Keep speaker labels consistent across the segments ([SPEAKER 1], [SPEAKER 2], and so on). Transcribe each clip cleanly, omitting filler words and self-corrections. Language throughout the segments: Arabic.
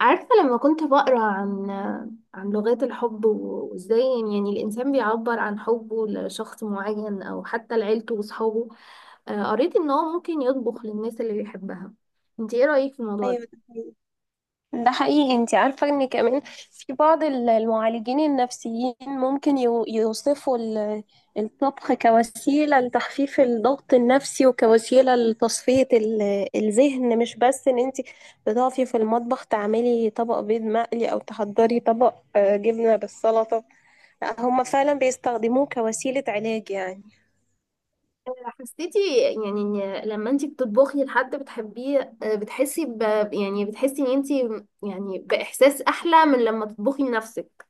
[SPEAKER 1] عارفة؟ لما كنت بقرأ عن لغات الحب وازاي يعني الإنسان بيعبر عن حبه لشخص معين أو حتى لعيلته وصحابه، قريت إن هو ممكن يطبخ للناس اللي بيحبها. انت ايه رأيك في الموضوع
[SPEAKER 2] ايوه،
[SPEAKER 1] ده؟
[SPEAKER 2] ده حقيقي. ده حقيقي، انت عارفة ان كمان في بعض المعالجين النفسيين ممكن يوصفوا الطبخ كوسيلة لتخفيف الضغط النفسي وكوسيلة لتصفية الذهن، مش بس ان انت بتقفي في المطبخ تعملي طبق بيض مقلي او تحضري طبق جبنة بالسلطة. لا، هما فعلا بيستخدموه كوسيلة علاج يعني.
[SPEAKER 1] حسيتي يعني إن لما انت بتطبخي لحد بتحبيه، بتحسي يعني بتحسي ان انت يعني بإحساس أحلى من لما تطبخي لنفسك؟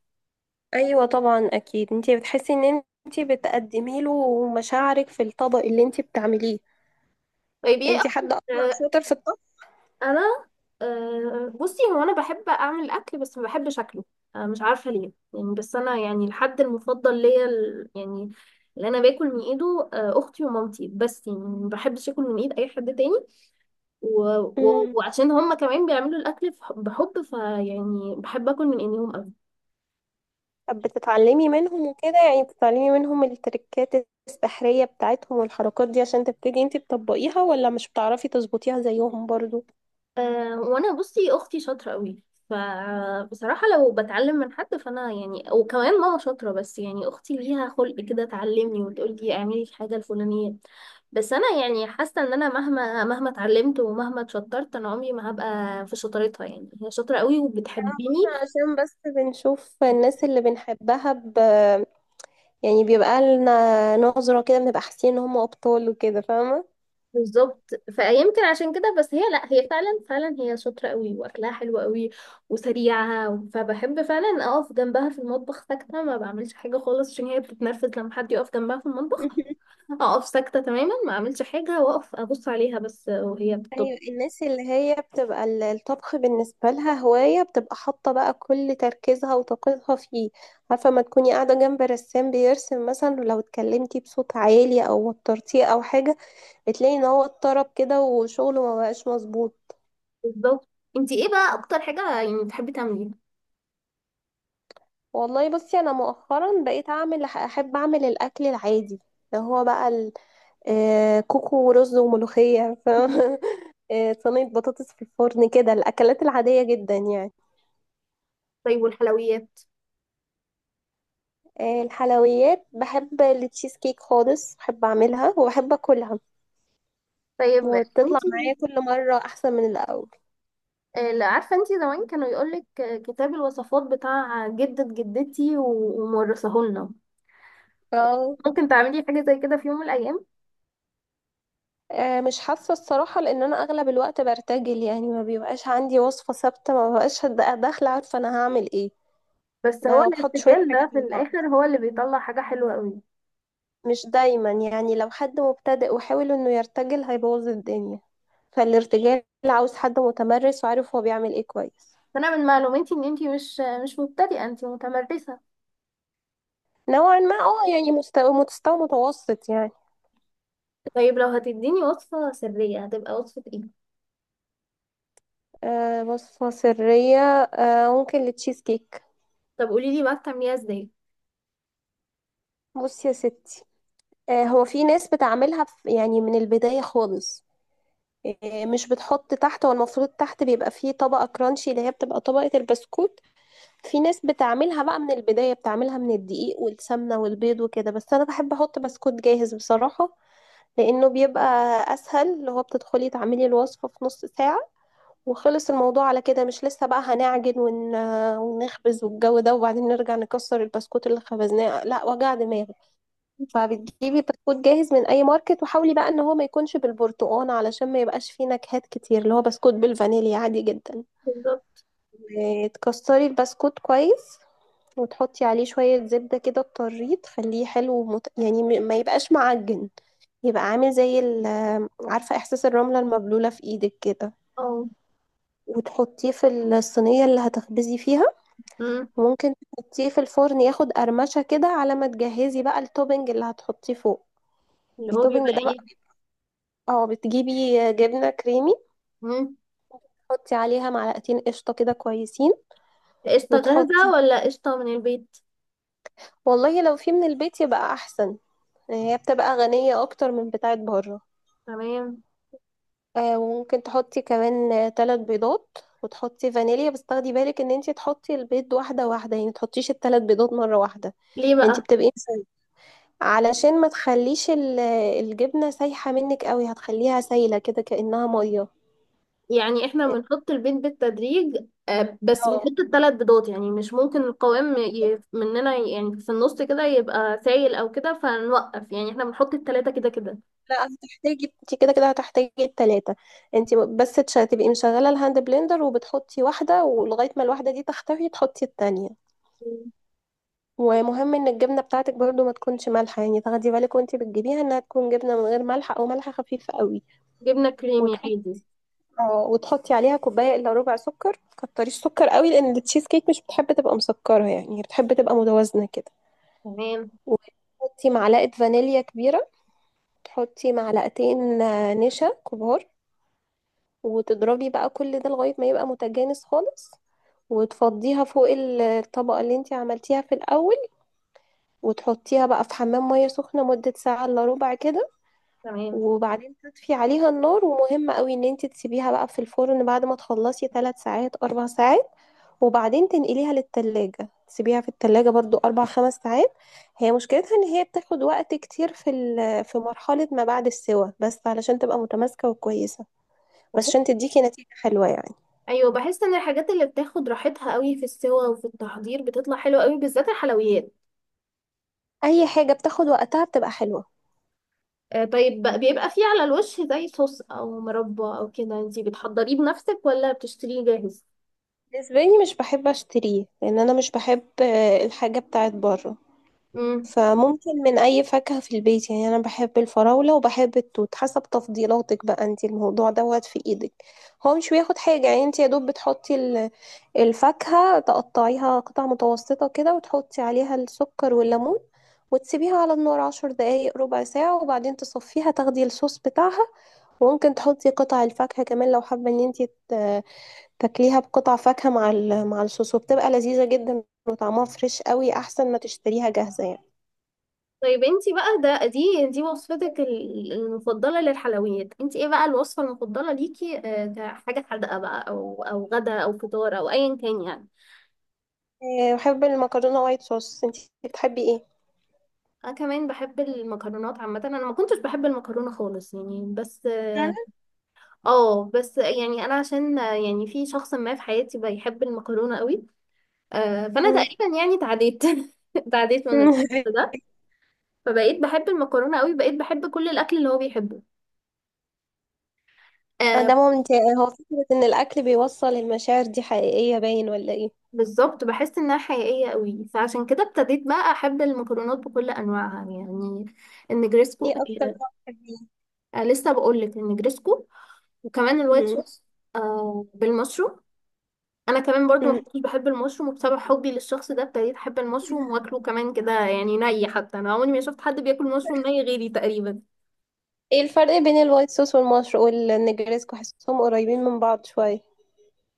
[SPEAKER 2] ايوه طبعا، اكيد انت بتحسي ان انت بتقدمي له مشاعرك في الطبق اللي انت بتعمليه.
[SPEAKER 1] طيب، ايه
[SPEAKER 2] انتي حد اصلا
[SPEAKER 1] أكتر؟
[SPEAKER 2] شاطر في الطبخ؟
[SPEAKER 1] انا بصي، هو انا بحب اعمل الاكل بس ما بحب شكله. مش عارفه ليه يعني، بس انا يعني الحد المفضل ليا يعني، اللي انا باكل من ايده اختي ومامتي، بس يعني ما بحبش اكل من ايد اي حد تاني.
[SPEAKER 2] امم
[SPEAKER 1] وعشان هما كمان بيعملوا الاكل بحب، فيعني بحب اكل من ايديهم أوي.
[SPEAKER 2] طب بتتعلمي منهم وكده، يعني بتتعلمي منهم التركات السحرية بتاعتهم والحركات دي عشان تبتدي انتي تطبقيها، ولا مش بتعرفي تظبطيها زيهم برضو؟
[SPEAKER 1] وانا بصي، اختي شاطره قوي، فبصراحه لو بتعلم من حد فانا يعني، وكمان ماما شاطره، بس يعني اختي ليها خلق كده تعلمني وتقول لي اعملي الحاجه الفلانيه. بس انا يعني حاسه ان انا مهما اتعلمت ومهما اتشطرت، انا عمري ما هبقى في شطارتها، يعني هي شاطره قوي
[SPEAKER 2] انا
[SPEAKER 1] وبتحبني.
[SPEAKER 2] بطلع عشان بس بنشوف الناس اللي بنحبها يعني بيبقى لنا نظرة كده، بنبقى حاسين ان هم ابطال وكده، فاهمة.
[SPEAKER 1] بالظبط، فيمكن عشان كده، بس هي، لا، هي فعلا فعلا هي شاطرة قوي واكلها حلو قوي وسريعة، فبحب فعلا اقف جنبها في المطبخ ساكتة ما بعملش حاجة خالص، عشان هي بتتنرفز لما حد يقف جنبها في المطبخ. اقف ساكتة تماما، ما اعملش حاجة، واقف ابص عليها بس وهي بتطبخ.
[SPEAKER 2] ايوه، الناس اللي هي بتبقى الطبخ بالنسبه لها هوايه بتبقى حاطه بقى كل تركيزها وطاقتها فيه. عارفه ما تكوني قاعده جنب رسام بيرسم مثلا، ولو اتكلمتي بصوت عالي او وترتيه او حاجه بتلاقي ان هو اتطرب كده وشغله ما بقاش مظبوط.
[SPEAKER 1] بالظبط. انتي ايه بقى اكتر حاجة يعني بتحبي تعمليها؟
[SPEAKER 2] والله بصي، انا مؤخرا بقيت اعمل، احب اعمل الاكل العادي اللي هو بقى كوكو ورز وملوخيه صينيه بطاطس في الفرن، كده الاكلات العاديه جدا يعني.
[SPEAKER 1] طيب، والحلويات؟
[SPEAKER 2] الحلويات، بحب التشيز كيك خالص، بحب اعملها وبحب اكلها.
[SPEAKER 1] طيب.
[SPEAKER 2] وبتطلع
[SPEAKER 1] انتي،
[SPEAKER 2] معايا كل مرة احسن من الاول.
[SPEAKER 1] لا عارفه، انتي زمان كانوا يقولك كتاب الوصفات بتاع جدة جدتي ومورثاه لنا،
[SPEAKER 2] اه،
[SPEAKER 1] ممكن تعملي حاجة زي كده في يوم من الأيام؟
[SPEAKER 2] مش حاسة الصراحة، لان انا اغلب الوقت برتجل، يعني ما بيبقاش عندي وصفة ثابتة، ما ببقاش داخلة عارفة انا هعمل ايه.
[SPEAKER 1] بس هو
[SPEAKER 2] انا بحط شوية
[SPEAKER 1] الارتجال
[SPEAKER 2] حاجات
[SPEAKER 1] ده في
[SPEAKER 2] على بعض،
[SPEAKER 1] الآخر هو اللي بيطلع حاجة حلوة قوي.
[SPEAKER 2] مش دايما، يعني لو حد مبتدئ وحاول انه يرتجل هيبوظ الدنيا. فالارتجال عاوز حد متمرس وعارف هو بيعمل ايه كويس.
[SPEAKER 1] فأنا من معلوماتي إن أنتي مش مبتدئة، أنتي متمرسة.
[SPEAKER 2] نوعا ما اه، يعني مستوى متوسط يعني.
[SPEAKER 1] طيب لو هتديني وصفة سرية، هتبقى وصفة إيه؟
[SPEAKER 2] بص، مصرية، ممكن للتشيز كيك.
[SPEAKER 1] طب قولي لي بقى، بتعمليها ازاي؟
[SPEAKER 2] بص يا ستي، هو في ناس بتعملها في، يعني من البداية خالص، مش بتحط تحت، هو المفروض تحت بيبقى فيه طبقة كرانشي اللي هي بتبقى طبقة البسكوت. في ناس بتعملها بقى من البداية، بتعملها من الدقيق والسمنة والبيض وكده، بس أنا بحب أحط بسكوت جاهز بصراحة، لأنه بيبقى أسهل، اللي هو بتدخلي تعملي الوصفة في نص ساعة وخلص الموضوع على كده، مش لسه بقى هنعجن ونخبز والجو ده، وبعدين نرجع نكسر البسكوت اللي خبزناه. لا، وجع دماغ. فبتجيبي بسكوت جاهز من اي ماركت، وحاولي بقى ان هو ما يكونش بالبرتقال علشان ما يبقاش فيه نكهات كتير، اللي هو بسكوت بالفانيليا عادي جدا.
[SPEAKER 1] بالظبط.
[SPEAKER 2] تكسري البسكوت كويس، وتحطي عليه شوية زبدة كده بطرية تخليه حلو يعني ما يبقاش معجن، يبقى عامل عارفة احساس الرملة المبلولة في ايدك كده،
[SPEAKER 1] اه.
[SPEAKER 2] وتحطيه في الصينية اللي هتخبزي فيها.
[SPEAKER 1] امم.
[SPEAKER 2] وممكن تحطيه في الفرن ياخد قرمشة كده على ما تجهزي بقى التوبنج اللي هتحطيه فوق.
[SPEAKER 1] اللي هو
[SPEAKER 2] التوبنج
[SPEAKER 1] بيبقى
[SPEAKER 2] ده بقى،
[SPEAKER 1] ايه؟
[SPEAKER 2] اه، بتجيبي جبنة كريمي،
[SPEAKER 1] امم.
[SPEAKER 2] تحطي عليها معلقتين قشطة كده كويسين.
[SPEAKER 1] قشطه جاهزه
[SPEAKER 2] وتحطي
[SPEAKER 1] ولا قشطه من البيت؟
[SPEAKER 2] والله لو في من البيت يبقى أحسن، هي بتبقى غنية أكتر من بتاعة بره.
[SPEAKER 1] تمام.
[SPEAKER 2] وممكن تحطي كمان 3 بيضات، وتحطي فانيليا، بس تاخدي بالك ان انتي تحطي البيض واحدة واحدة، يعني متحطيش التلات بيضات مرة واحدة.
[SPEAKER 1] ليه
[SPEAKER 2] انتي
[SPEAKER 1] بقى؟
[SPEAKER 2] بتبقي علشان ما تخليش الجبنة سايحة منك قوي، هتخليها سايلة كده كأنها مية.
[SPEAKER 1] يعني احنا بنحط البيض بالتدريج؟ بس
[SPEAKER 2] اه،
[SPEAKER 1] بنحط الثلاث بيضات، يعني مش ممكن القوام مننا يعني في النص كده يبقى سايل او كده فنوقف، يعني احنا بنحط الثلاثة كده كده؟
[SPEAKER 2] لا، هتحتاجي، انت كده كده هتحتاجي التلاتة، انت بس تبقي مشغلة الهاند بلندر وبتحطي واحدة، ولغاية ما الواحدة دي تختفي تحطي التانية.
[SPEAKER 1] مم.
[SPEAKER 2] ومهم ان الجبنة بتاعتك برضو ما تكونش مالحة، يعني تاخدي بالك وانت بتجيبيها انها تكون جبنة من غير ملح او ملح خفيف قوي.
[SPEAKER 1] جبنة كريمي
[SPEAKER 2] وتحطي
[SPEAKER 1] عادي؟
[SPEAKER 2] اه، وتحطي عليها كوباية الا ربع سكر، متكتريش سكر قوي لان التشيز كيك مش بتحب تبقى مسكرة، يعني هي بتحب تبقى متوازنة كده.
[SPEAKER 1] تمام.
[SPEAKER 2] وتحطي معلقة فانيليا كبيرة، تحطي معلقتين نشا كبار، وتضربي بقى كل ده لغاية ما يبقى متجانس خالص. وتفضيها فوق الطبقة اللي انتي عملتيها في الأول، وتحطيها بقى في حمام مية سخنة مدة ساعة إلا ربع كده.
[SPEAKER 1] تمام.
[SPEAKER 2] وبعدين تطفي عليها النار، ومهم قوي ان انتي تسيبيها بقى في الفرن بعد ما تخلصي 3 ساعات 4 ساعات، وبعدين تنقليها للتلاجة، تسيبيها في التلاجة برضو أربع خمس ساعات. هي مشكلتها إن هي بتاخد وقت كتير في في مرحلة ما بعد السوى، بس علشان تبقى متماسكة وكويسة، بس عشان تديكي نتيجة حلوة يعني.
[SPEAKER 1] ايوه، بحس ان الحاجات اللي بتاخد راحتها قوي في السوا وفي التحضير بتطلع حلوه قوي، بالذات الحلويات.
[SPEAKER 2] أي حاجة بتاخد وقتها بتبقى حلوة.
[SPEAKER 1] طيب، بيبقى فيه على الوش زي صوص او مربى او كده، انتي بتحضريه بنفسك ولا بتشتريه جاهز؟
[SPEAKER 2] بالنسبة لي، مش بحب أشتريه، لأن أنا مش بحب الحاجة بتاعت بره، فممكن من أي فاكهة في البيت، يعني أنا بحب الفراولة وبحب التوت، حسب تفضيلاتك بقى انت، الموضوع دوت في إيدك. هو مش بياخد حاجة، يعني انت يا دوب بتحطي الفاكهة، تقطعيها قطع متوسطة كده، وتحطي عليها السكر والليمون، وتسيبيها على النار 10 دقايق ربع ساعة، وبعدين تصفيها، تاخدي الصوص بتاعها. وممكن تحطي قطع الفاكهة كمان لو حابة ان انت ت- تاكليها بقطع فاكهة مع مع الصوص، وبتبقى لذيذة جدا، وطعمها فريش قوي احسن ما تشتريها جاهزة يعني.
[SPEAKER 1] طيب انتي بقى، ده دي دي وصفتك المفضلة للحلويات، انتي ايه بقى الوصفة المفضلة ليكي كحاجة حادقة بقى او غدا او فطار او ايا كان يعني؟
[SPEAKER 2] بحب المكرونة وايت صوص، انتي بتحبي ايه؟
[SPEAKER 1] انا كمان بحب المكرونات عامة، انا ما كنتش بحب المكرونة خالص يعني، بس
[SPEAKER 2] فعلا.
[SPEAKER 1] اه. بس يعني انا عشان يعني في شخص ما في حياتي بيحب المكرونة قوي. فانا
[SPEAKER 2] مم.
[SPEAKER 1] تقريبا يعني تعديت. تعديت من الشخص ده، فبقيت بحب المكرونة قوي، بقيت بحب كل الاكل اللي هو بيحبه. آه،
[SPEAKER 2] ده ممتع، هو فكرة ان الاكل بيوصل المشاعر دي حقيقية، باين ولا ايه؟
[SPEAKER 1] بالظبط، بحس انها حقيقيه قوي، فعشان كده ابتديت بقى احب المكرونات بكل انواعها، يعني النجريسكو.
[SPEAKER 2] ايه اكتر نوع بتحبيه؟
[SPEAKER 1] لسه بقول لك النجريسكو، وكمان الوايت
[SPEAKER 2] مم.
[SPEAKER 1] صوص. بالمشروم. انا كمان برضو ما
[SPEAKER 2] مم.
[SPEAKER 1] كنتش بحب المشروم، وبسبب حبي للشخص ده ابتديت احب المشروم واكله كمان كده يعني، حتى انا عمري ما شفت حد بياكل مشروم غيري تقريبا.
[SPEAKER 2] ايه الفرق بين الوايت صوص والمشروب والنجريسكو؟ حاسسهم قريبين من بعض شوية.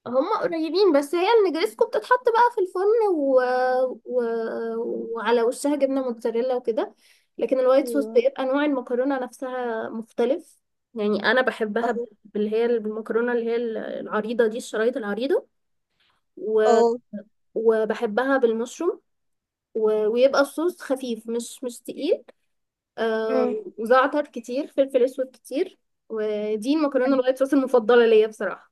[SPEAKER 1] هم قريبين، بس هي النجريسكو بتتحط بقى في الفرن و... وعلى وشها جبنة موتزاريلا وكده. لكن الوايت صوص
[SPEAKER 2] ايوه.
[SPEAKER 1] بيبقى نوع المكرونة نفسها مختلف. يعني أنا بحبها
[SPEAKER 2] اه.
[SPEAKER 1] باللي هي المكرونة اللي هي العريضة دي، الشرايط العريضة، و...
[SPEAKER 2] أه.
[SPEAKER 1] وبحبها بالمشروم، ويبقى الصوص خفيف، مش تقيل، آه...
[SPEAKER 2] مم.
[SPEAKER 1] وزعتر كتير فلفل أسود كتير. ودي المكرونة الوايت صوص المفضلة ليا بصراحة.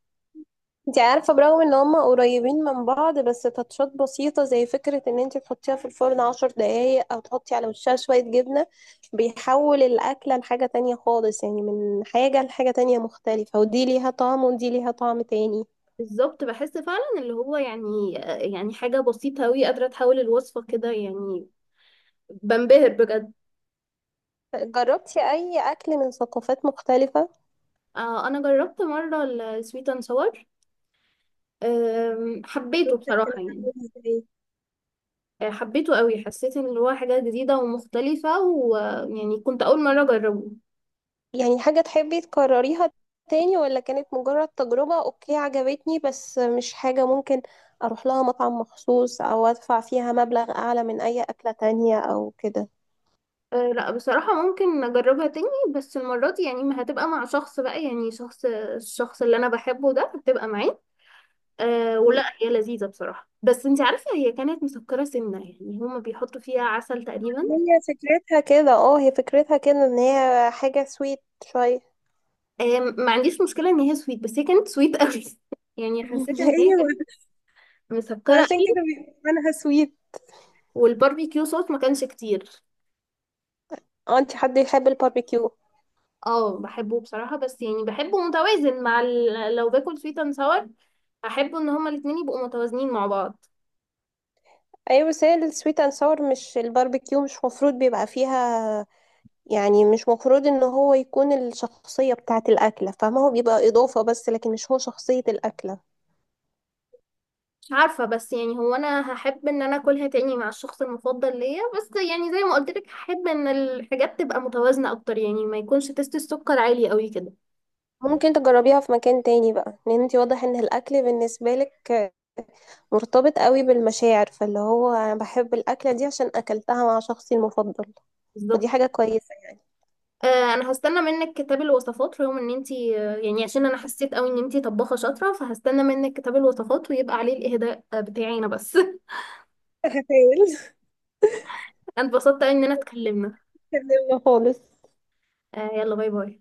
[SPEAKER 2] انت عارفة برغم ان هما قريبين من بعض، بس تاتشات بسيطة زي فكرة ان انت تحطيها في الفرن 10 دقايق او تحطي على وشها شوية جبنة بيحول الأكلة لحاجة تانية خالص، يعني من حاجة لحاجة تانية مختلفة، ودي ليها طعم ودي ليها طعم تاني.
[SPEAKER 1] بالظبط، بحس فعلا اللي هو يعني حاجة بسيطة أوي قادرة تحول الوصفة كده يعني، بنبهر بجد.
[SPEAKER 2] جربتي أي أكل من ثقافات مختلفة؟
[SPEAKER 1] أنا جربت مرة السويت أند ساور، حبيته
[SPEAKER 2] شفتك
[SPEAKER 1] بصراحة
[SPEAKER 2] كانت
[SPEAKER 1] يعني.
[SPEAKER 2] عاملة ازاي؟
[SPEAKER 1] حبيته أوي، حسيت إن هو حاجة جديدة ومختلفة، ويعني كنت أول مرة أجربه.
[SPEAKER 2] يعني حاجة تحبي تكرريها تاني، ولا كانت مجرد تجربة اوكي عجبتني بس مش حاجة ممكن اروح لها مطعم مخصوص، او ادفع فيها مبلغ اعلى من اي اكلة تانية او كده؟
[SPEAKER 1] لا، بصراحة ممكن أجربها تاني، بس المرة دي يعني ما هتبقى مع شخص بقى، يعني الشخص اللي أنا بحبه ده هتبقى معاه.
[SPEAKER 2] م.
[SPEAKER 1] ولا هي لذيذة بصراحة، بس انت عارفة هي كانت مسكرة سنة يعني، هما بيحطوا فيها عسل تقريبا.
[SPEAKER 2] هي فكرتها كده، اه هي فكرتها كده، ان هي حاجة سويت شوية.
[SPEAKER 1] ما عنديش مشكلة ان هي سويت، بس هي كانت سويت قوي. يعني حسيت ان هي
[SPEAKER 2] ايوه،
[SPEAKER 1] كانت مسكرة
[SPEAKER 2] عشان كده
[SPEAKER 1] قوي.
[SPEAKER 2] بيبقى معناها سويت.
[SPEAKER 1] والباربيكيو صوص ما كانش كتير.
[SPEAKER 2] اه، انت حد يحب الباربيكيو؟
[SPEAKER 1] اه، بحبه بصراحة، بس يعني بحبه متوازن مع لو باكل سويت اند ساور احب ان هما الاتنين يبقوا متوازنين مع بعض.
[SPEAKER 2] ايوه، بس هي السويت اند ساور مش الباربيكيو، مش مفروض بيبقى فيها، يعني مش مفروض ان هو يكون الشخصية بتاعة الأكلة، فما هو بيبقى إضافة بس، لكن مش هو شخصية الأكلة.
[SPEAKER 1] عارفة، بس يعني هو انا هحب ان انا اكلها تاني مع الشخص المفضل ليا، بس يعني زي ما قلت لك هحب ان الحاجات تبقى متوازنة اكتر، يعني ما يكونش تست السكر عالي قوي كده.
[SPEAKER 2] ممكن تجربيها في مكان تاني بقى، لان انتي واضح ان الأكل بالنسبة لك مرتبط قوي بالمشاعر، فاللي هو انا بحب الأكلة دي عشان أكلتها مع شخصي المفضل.
[SPEAKER 1] بالظبط.
[SPEAKER 2] ودي حاجة كويسة.
[SPEAKER 1] انا هستنى منك كتاب الوصفات، رغم ان انتي يعني عشان انا حسيت قوي ان انتي طباخة شاطرة، فهستنى منك كتاب الوصفات ويبقى عليه الاهداء بتاعي انا بس.
[SPEAKER 2] هحاول.
[SPEAKER 1] انا اتبسطت قوي ان انا اتكلمنا.
[SPEAKER 2] أتجنبها خالص.
[SPEAKER 1] يلا، باي باي.